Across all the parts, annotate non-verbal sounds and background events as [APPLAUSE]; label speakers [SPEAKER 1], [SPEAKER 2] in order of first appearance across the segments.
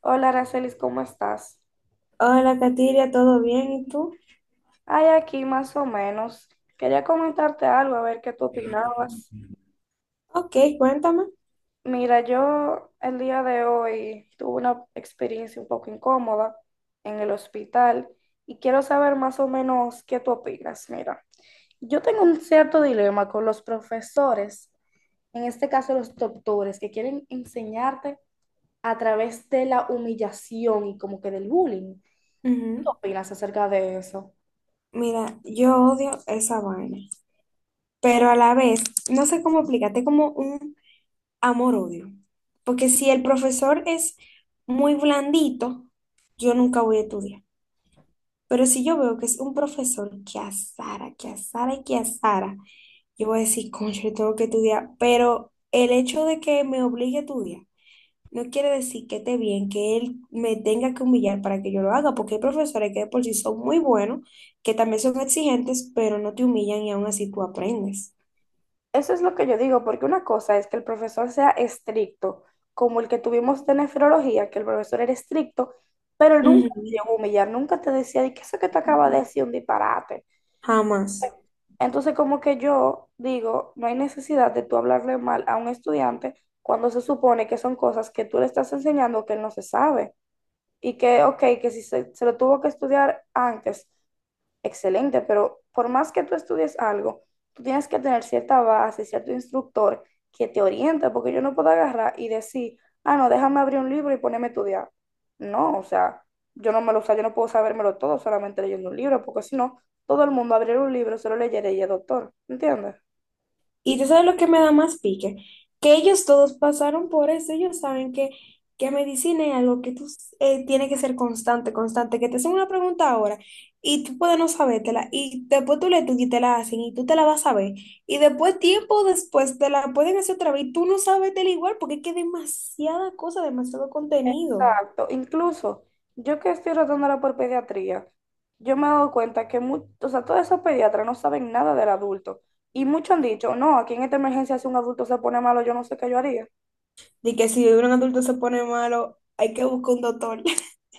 [SPEAKER 1] Hola, Aracelis, ¿cómo estás?
[SPEAKER 2] Hola, Katiria, ¿todo bien? ¿Y tú?
[SPEAKER 1] Ay, aquí más o menos. Quería comentarte algo, a ver qué tú opinabas.
[SPEAKER 2] Ok, cuéntame.
[SPEAKER 1] Mira, yo el día de hoy tuve una experiencia un poco incómoda en el hospital y quiero saber más o menos qué tú opinas. Mira, yo tengo un cierto dilema con los profesores, en este caso los doctores, que quieren enseñarte a través de la humillación y como que del bullying. ¿Qué tú
[SPEAKER 2] Ujú.
[SPEAKER 1] opinas acerca de eso?
[SPEAKER 2] Mira, yo odio esa vaina, pero a la vez, no sé cómo explicarte, como un amor-odio. Porque si el profesor es muy blandito, yo nunca voy a estudiar. Pero si yo veo que es un profesor que azara y que azara, yo voy a decir, concho, yo tengo que estudiar. Pero el hecho de que me obligue a estudiar, no quiere decir que esté bien que él me tenga que humillar para que yo lo haga, porque hay profesores que de por sí son muy buenos, que también son exigentes, pero no te humillan y aún así tú aprendes.
[SPEAKER 1] Eso es lo que yo digo, porque una cosa es que el profesor sea estricto, como el que tuvimos de nefrología, que el profesor era estricto, pero nunca te
[SPEAKER 2] Ujú.
[SPEAKER 1] llegó a humillar, nunca te decía, ¿y qué es eso que te acaba de decir un disparate?
[SPEAKER 2] Jamás.
[SPEAKER 1] Entonces, como que yo digo, no hay necesidad de tú hablarle mal a un estudiante cuando se supone que son cosas que tú le estás enseñando que él no se sabe y que, ok, que si se lo tuvo que estudiar antes, excelente, pero por más que tú estudies algo, tú tienes que tener cierta base, cierto instructor que te oriente, porque yo no puedo agarrar y decir, ah, no, déjame abrir un libro y ponerme a estudiar. No, o sea, yo no me lo, o sea, yo no puedo sabérmelo todo solamente leyendo un libro, porque si no, todo el mundo abriera un libro, solo leyera y es doctor, ¿entiendes?
[SPEAKER 2] Y tú sabes lo que me da más pique, que ellos todos pasaron por eso, ellos saben que medicina es algo que tú tienes que ser constante, constante, que te hacen una pregunta ahora y tú puedes no sabértela y después tú le tú y te la hacen y tú te la vas a ver y después tiempo después te la pueden hacer otra vez y tú no sabes del igual porque es que demasiada cosa, demasiado contenido.
[SPEAKER 1] Exacto. Incluso yo que estoy rotando ahora por pediatría, yo me he dado cuenta que o sea, todos esos pediatras no saben nada del adulto. Y muchos han dicho, no, aquí en esta emergencia si un adulto se pone malo, yo no sé qué yo haría.
[SPEAKER 2] De que si un adulto se pone malo, hay que buscar un doctor.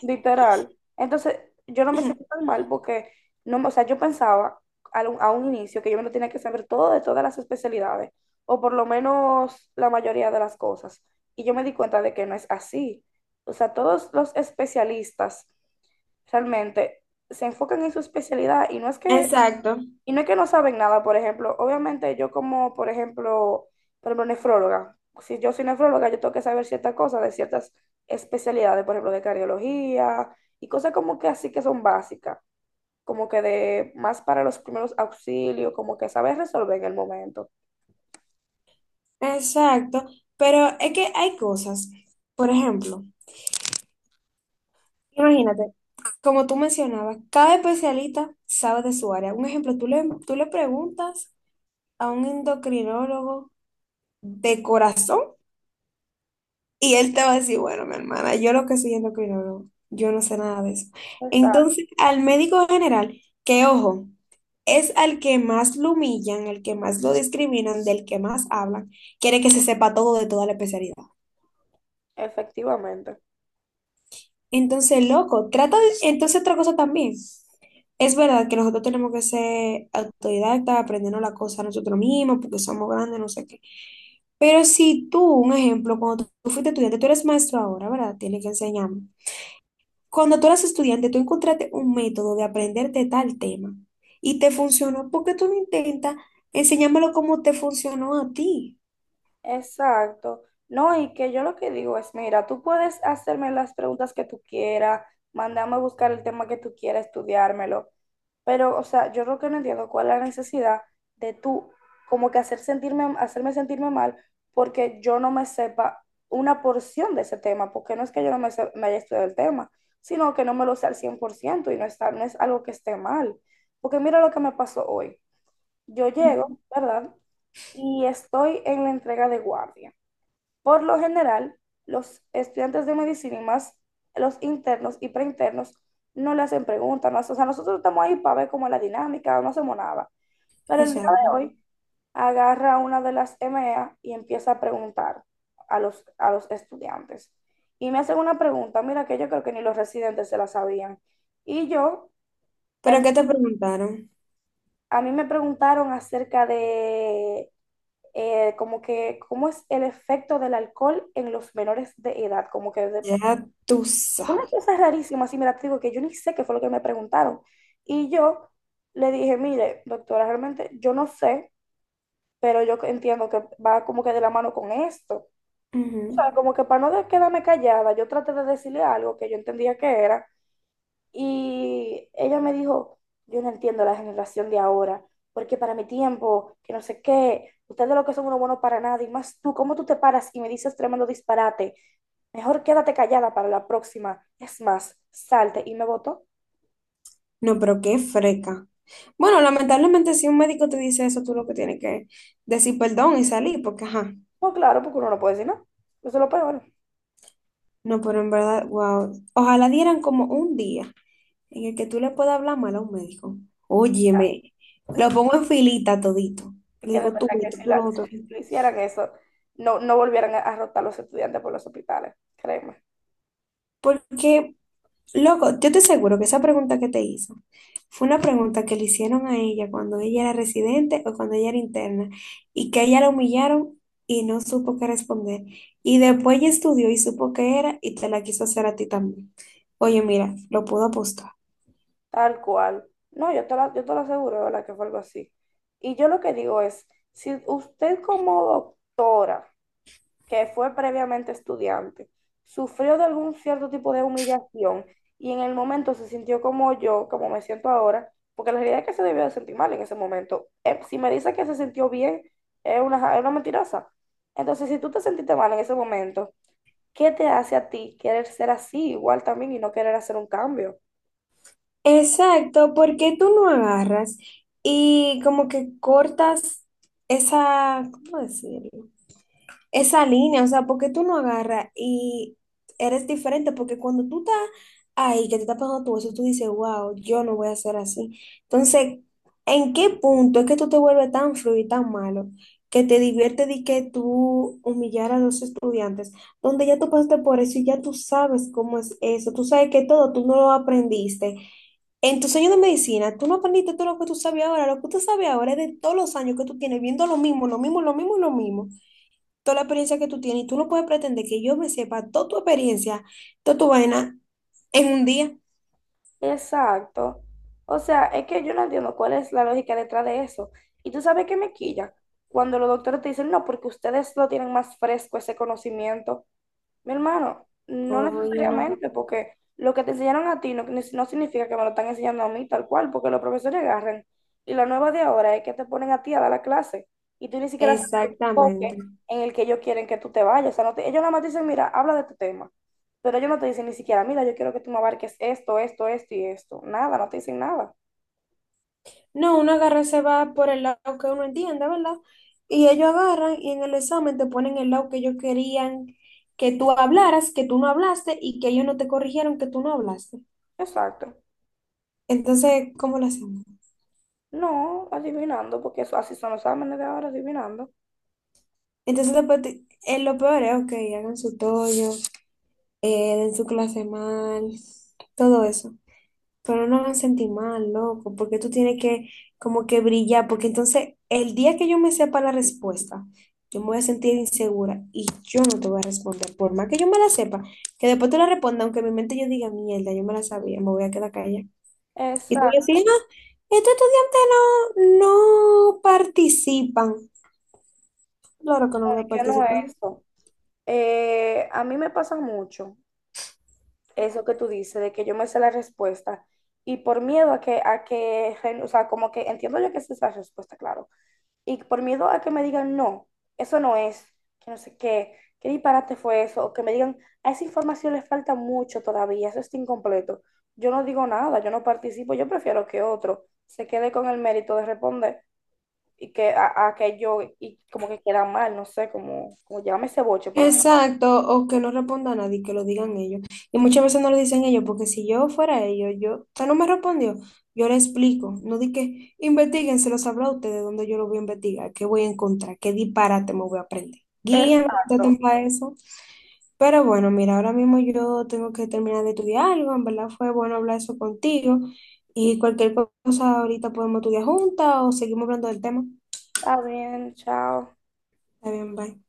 [SPEAKER 1] Literal. Entonces, yo no me siento
[SPEAKER 2] [LAUGHS]
[SPEAKER 1] tan mal porque, no, o sea, yo pensaba a un inicio que yo me lo tenía que saber todo de todas las especialidades, o por lo menos la mayoría de las cosas. Y yo me di cuenta de que no es así. O sea, todos los especialistas realmente se enfocan en su especialidad y no es que,
[SPEAKER 2] Exacto.
[SPEAKER 1] y no es que no saben nada, por ejemplo, obviamente yo como, por ejemplo, nefróloga, si yo soy nefróloga, yo tengo que saber ciertas cosas de ciertas especialidades, por ejemplo, de cardiología y cosas como que así que son básicas, como que de más para los primeros auxilios, como que saber resolver en el momento.
[SPEAKER 2] Exacto, pero es que hay cosas. Por ejemplo, imagínate, como tú mencionabas, cada especialista sabe de su área. Un ejemplo, tú le preguntas a un endocrinólogo de corazón y él te va a decir, bueno, mi hermana, yo lo que soy endocrinólogo, yo no sé nada de eso.
[SPEAKER 1] Exacto,
[SPEAKER 2] Entonces, al médico general, que ojo, es al que más lo humillan, al que más lo discriminan, del que más hablan, quiere que se sepa todo de toda la especialidad.
[SPEAKER 1] efectivamente.
[SPEAKER 2] Entonces, loco, entonces otra cosa también. Es verdad que nosotros tenemos que ser autodidactas, aprendernos la cosa nosotros mismos, porque somos grandes, no sé qué. Pero si tú, un ejemplo, cuando tú fuiste estudiante, tú eres maestro ahora, ¿verdad? Tienes que enseñarme. Cuando tú eras estudiante, tú encontraste un método de aprenderte tal tema y te funcionó, ¿por qué tú no intentas enseñármelo como te funcionó a ti?
[SPEAKER 1] Exacto. No, y que yo lo que digo es, mira, tú puedes hacerme las preguntas que tú quieras, mandarme a buscar el tema que tú quieras, estudiármelo, pero, o sea, yo lo que no entiendo cuál es la necesidad de tú como que hacer sentirme, hacerme sentirme mal porque yo no me sepa una porción de ese tema, porque no es que yo no me haya estudiado el tema, sino que no me lo sé al 100% y no está, no es algo que esté mal. Porque mira lo que me pasó hoy. Yo
[SPEAKER 2] Ujú.
[SPEAKER 1] llego, ¿verdad? Y estoy en la entrega de guardia. Por lo general, los estudiantes de medicina y más los internos y preinternos no le hacen preguntas, no, o sea, nosotros estamos ahí para ver cómo es la dinámica, no hacemos nada. Pero el día
[SPEAKER 2] Exacto.
[SPEAKER 1] de hoy agarra una de las MEA y empieza a preguntar a los estudiantes. Y me hacen una pregunta, mira, que yo creo que ni los residentes se la sabían. Y yo,
[SPEAKER 2] ¿Pero
[SPEAKER 1] em,
[SPEAKER 2] qué te preguntaron?
[SPEAKER 1] a mí me preguntaron acerca de como que, cómo es el efecto del alcohol en los menores de edad,
[SPEAKER 2] Ya tú
[SPEAKER 1] una
[SPEAKER 2] sabes.
[SPEAKER 1] cosa rarísima, así, mira, te digo que yo ni sé qué fue lo que me preguntaron. Y yo le dije, mire, doctora, realmente yo no sé, pero yo entiendo que va como que de la mano con esto.
[SPEAKER 2] Ujú.
[SPEAKER 1] O sea, como que para no de- quedarme callada, yo traté de decirle algo que yo entendía que era, y ella me dijo, yo no entiendo la generación de ahora, porque para mi tiempo, que no sé qué, ustedes lo que son uno bueno para nada, y más tú, ¿cómo tú te paras y me dices tremendo disparate? Mejor quédate callada para la próxima. Es más, salte y me votó.
[SPEAKER 2] No, pero qué freca. Bueno, lamentablemente si un médico te dice eso, tú lo que tienes que decir perdón y salir, porque ajá,
[SPEAKER 1] Pues claro, porque uno no puede decir, ¿no? Eso es lo peor.
[SPEAKER 2] no, pero en verdad, wow, ojalá dieran como un día en el que tú le puedas hablar mal a un médico. Óyeme, lo
[SPEAKER 1] [LAUGHS]
[SPEAKER 2] pongo en filita todito.
[SPEAKER 1] Es
[SPEAKER 2] Le
[SPEAKER 1] que de
[SPEAKER 2] digo tú
[SPEAKER 1] verdad que
[SPEAKER 2] esto,
[SPEAKER 1] si,
[SPEAKER 2] tú lo otro.
[SPEAKER 1] si le hicieran eso, no, no volvieran a rotar los estudiantes por los hospitales, créeme.
[SPEAKER 2] Porque loco, yo te aseguro que esa pregunta que te hizo fue una pregunta que le hicieron a ella cuando ella era residente o cuando ella era interna y que a ella la humillaron y no supo qué responder. Y después ella estudió y supo qué era y te la quiso hacer a ti también. Oye, mira, lo puedo apostar.
[SPEAKER 1] Tal cual. No, yo te lo aseguro, de ¿verdad? Que fue algo así. Y yo lo que digo es, si usted como doctora, que fue previamente estudiante, sufrió de algún cierto tipo de humillación y en el momento se sintió como yo, como me siento ahora, porque la realidad es que se debió de sentir mal en ese momento. Si me dice que se sintió bien, es es una mentirosa. Entonces, si tú te sentiste mal en ese momento, ¿qué te hace a ti querer ser así igual también y no querer hacer un cambio?
[SPEAKER 2] Exacto, porque tú no agarras y como que cortas esa, ¿cómo decirlo? Esa línea, o sea, ¿por qué tú no agarras y eres diferente? Porque cuando tú estás ahí, que te estás pagando tu eso, tú dices, wow, yo no voy a ser así. Entonces, ¿en qué punto es que tú te vuelves tan frío y tan malo que te divierte de que tú humillar a los estudiantes, donde ya tú pasaste por eso y ya tú sabes cómo es eso, tú sabes que todo, tú no lo aprendiste. En tus años de medicina, tú no aprendiste todo lo que tú sabes ahora, lo que tú sabes ahora es de todos los años que tú tienes viendo lo mismo, lo mismo, lo mismo y lo mismo, toda la experiencia que tú tienes, y tú no puedes pretender que yo me sepa toda tu experiencia, toda tu vaina en un día.
[SPEAKER 1] Exacto. O sea, es que yo no entiendo cuál es la lógica detrás de eso. Y tú sabes que me quilla cuando los doctores te dicen, no, porque ustedes lo tienen más fresco ese conocimiento. Mi hermano, no
[SPEAKER 2] Oye, no.
[SPEAKER 1] necesariamente, porque lo que te enseñaron a ti no, no significa que me lo están enseñando a mí tal cual, porque los profesores agarran. Y la nueva de ahora es que te ponen a ti a dar la clase y tú ni siquiera sabes el
[SPEAKER 2] Exactamente.
[SPEAKER 1] enfoque en el que ellos quieren que tú te vayas. O sea, ellos nada más te dicen, mira, habla de tu tema, pero ellos no te dicen ni siquiera, mira, yo quiero que tú me abarques esto, esto, esto y esto. Nada, no te dicen nada.
[SPEAKER 2] No, uno agarra y se va por el lado que uno entiende, ¿verdad? Y ellos agarran y en el examen te ponen el lado que ellos querían que tú hablaras, que tú no hablaste y que ellos no te corrigieron que tú no hablaste.
[SPEAKER 1] Exacto.
[SPEAKER 2] Entonces, ¿cómo lo hacemos?
[SPEAKER 1] No, adivinando, porque eso, así son los exámenes de ahora, adivinando.
[SPEAKER 2] Entonces, después, lo peor es, ok, hagan su tollo, den su clase mal, todo eso. Pero no me sentí mal, loco, porque tú tienes que como que brillar, porque entonces el día que yo me sepa la respuesta, yo me voy a sentir insegura y yo no te voy a responder, por más que yo me la sepa, que después te la responda, aunque en mi mente yo diga, mierda, yo me la sabía, me voy a quedar callada. Y tú
[SPEAKER 1] Exacto,
[SPEAKER 2] decís, no, estos estudiantes no participan. Claro que no voy a
[SPEAKER 1] que no es
[SPEAKER 2] participar.
[SPEAKER 1] eso. A mí me pasa mucho eso que tú dices, de que yo me sé la respuesta y por miedo a o sea, como que entiendo yo que esa es la respuesta, claro, y por miedo a que me digan, no, eso no es, que no sé qué, qué disparate fue eso, o que me digan, a esa información le falta mucho todavía, eso está incompleto. Yo no digo nada, yo no participo, yo prefiero que otro se quede con el mérito de responder y que y como que queda mal, no sé, como, como llámame ese boche, por así.
[SPEAKER 2] Exacto, o que no responda a nadie, que lo digan ellos. Y muchas veces no lo dicen ellos, porque si yo fuera ellos, yo, usted no me respondió, yo le explico, no di que investiguen, se lo sabrá usted, de dónde yo lo voy a investigar, qué voy a encontrar, qué disparate me voy a aprender. Guían,
[SPEAKER 1] Exacto.
[SPEAKER 2] traten para eso. Pero bueno, mira, ahora mismo yo tengo que terminar de estudiar algo, en verdad fue bueno hablar eso contigo y cualquier cosa ahorita podemos estudiar juntas o seguimos hablando del tema.
[SPEAKER 1] Está bien, chao.
[SPEAKER 2] Está bien, bye.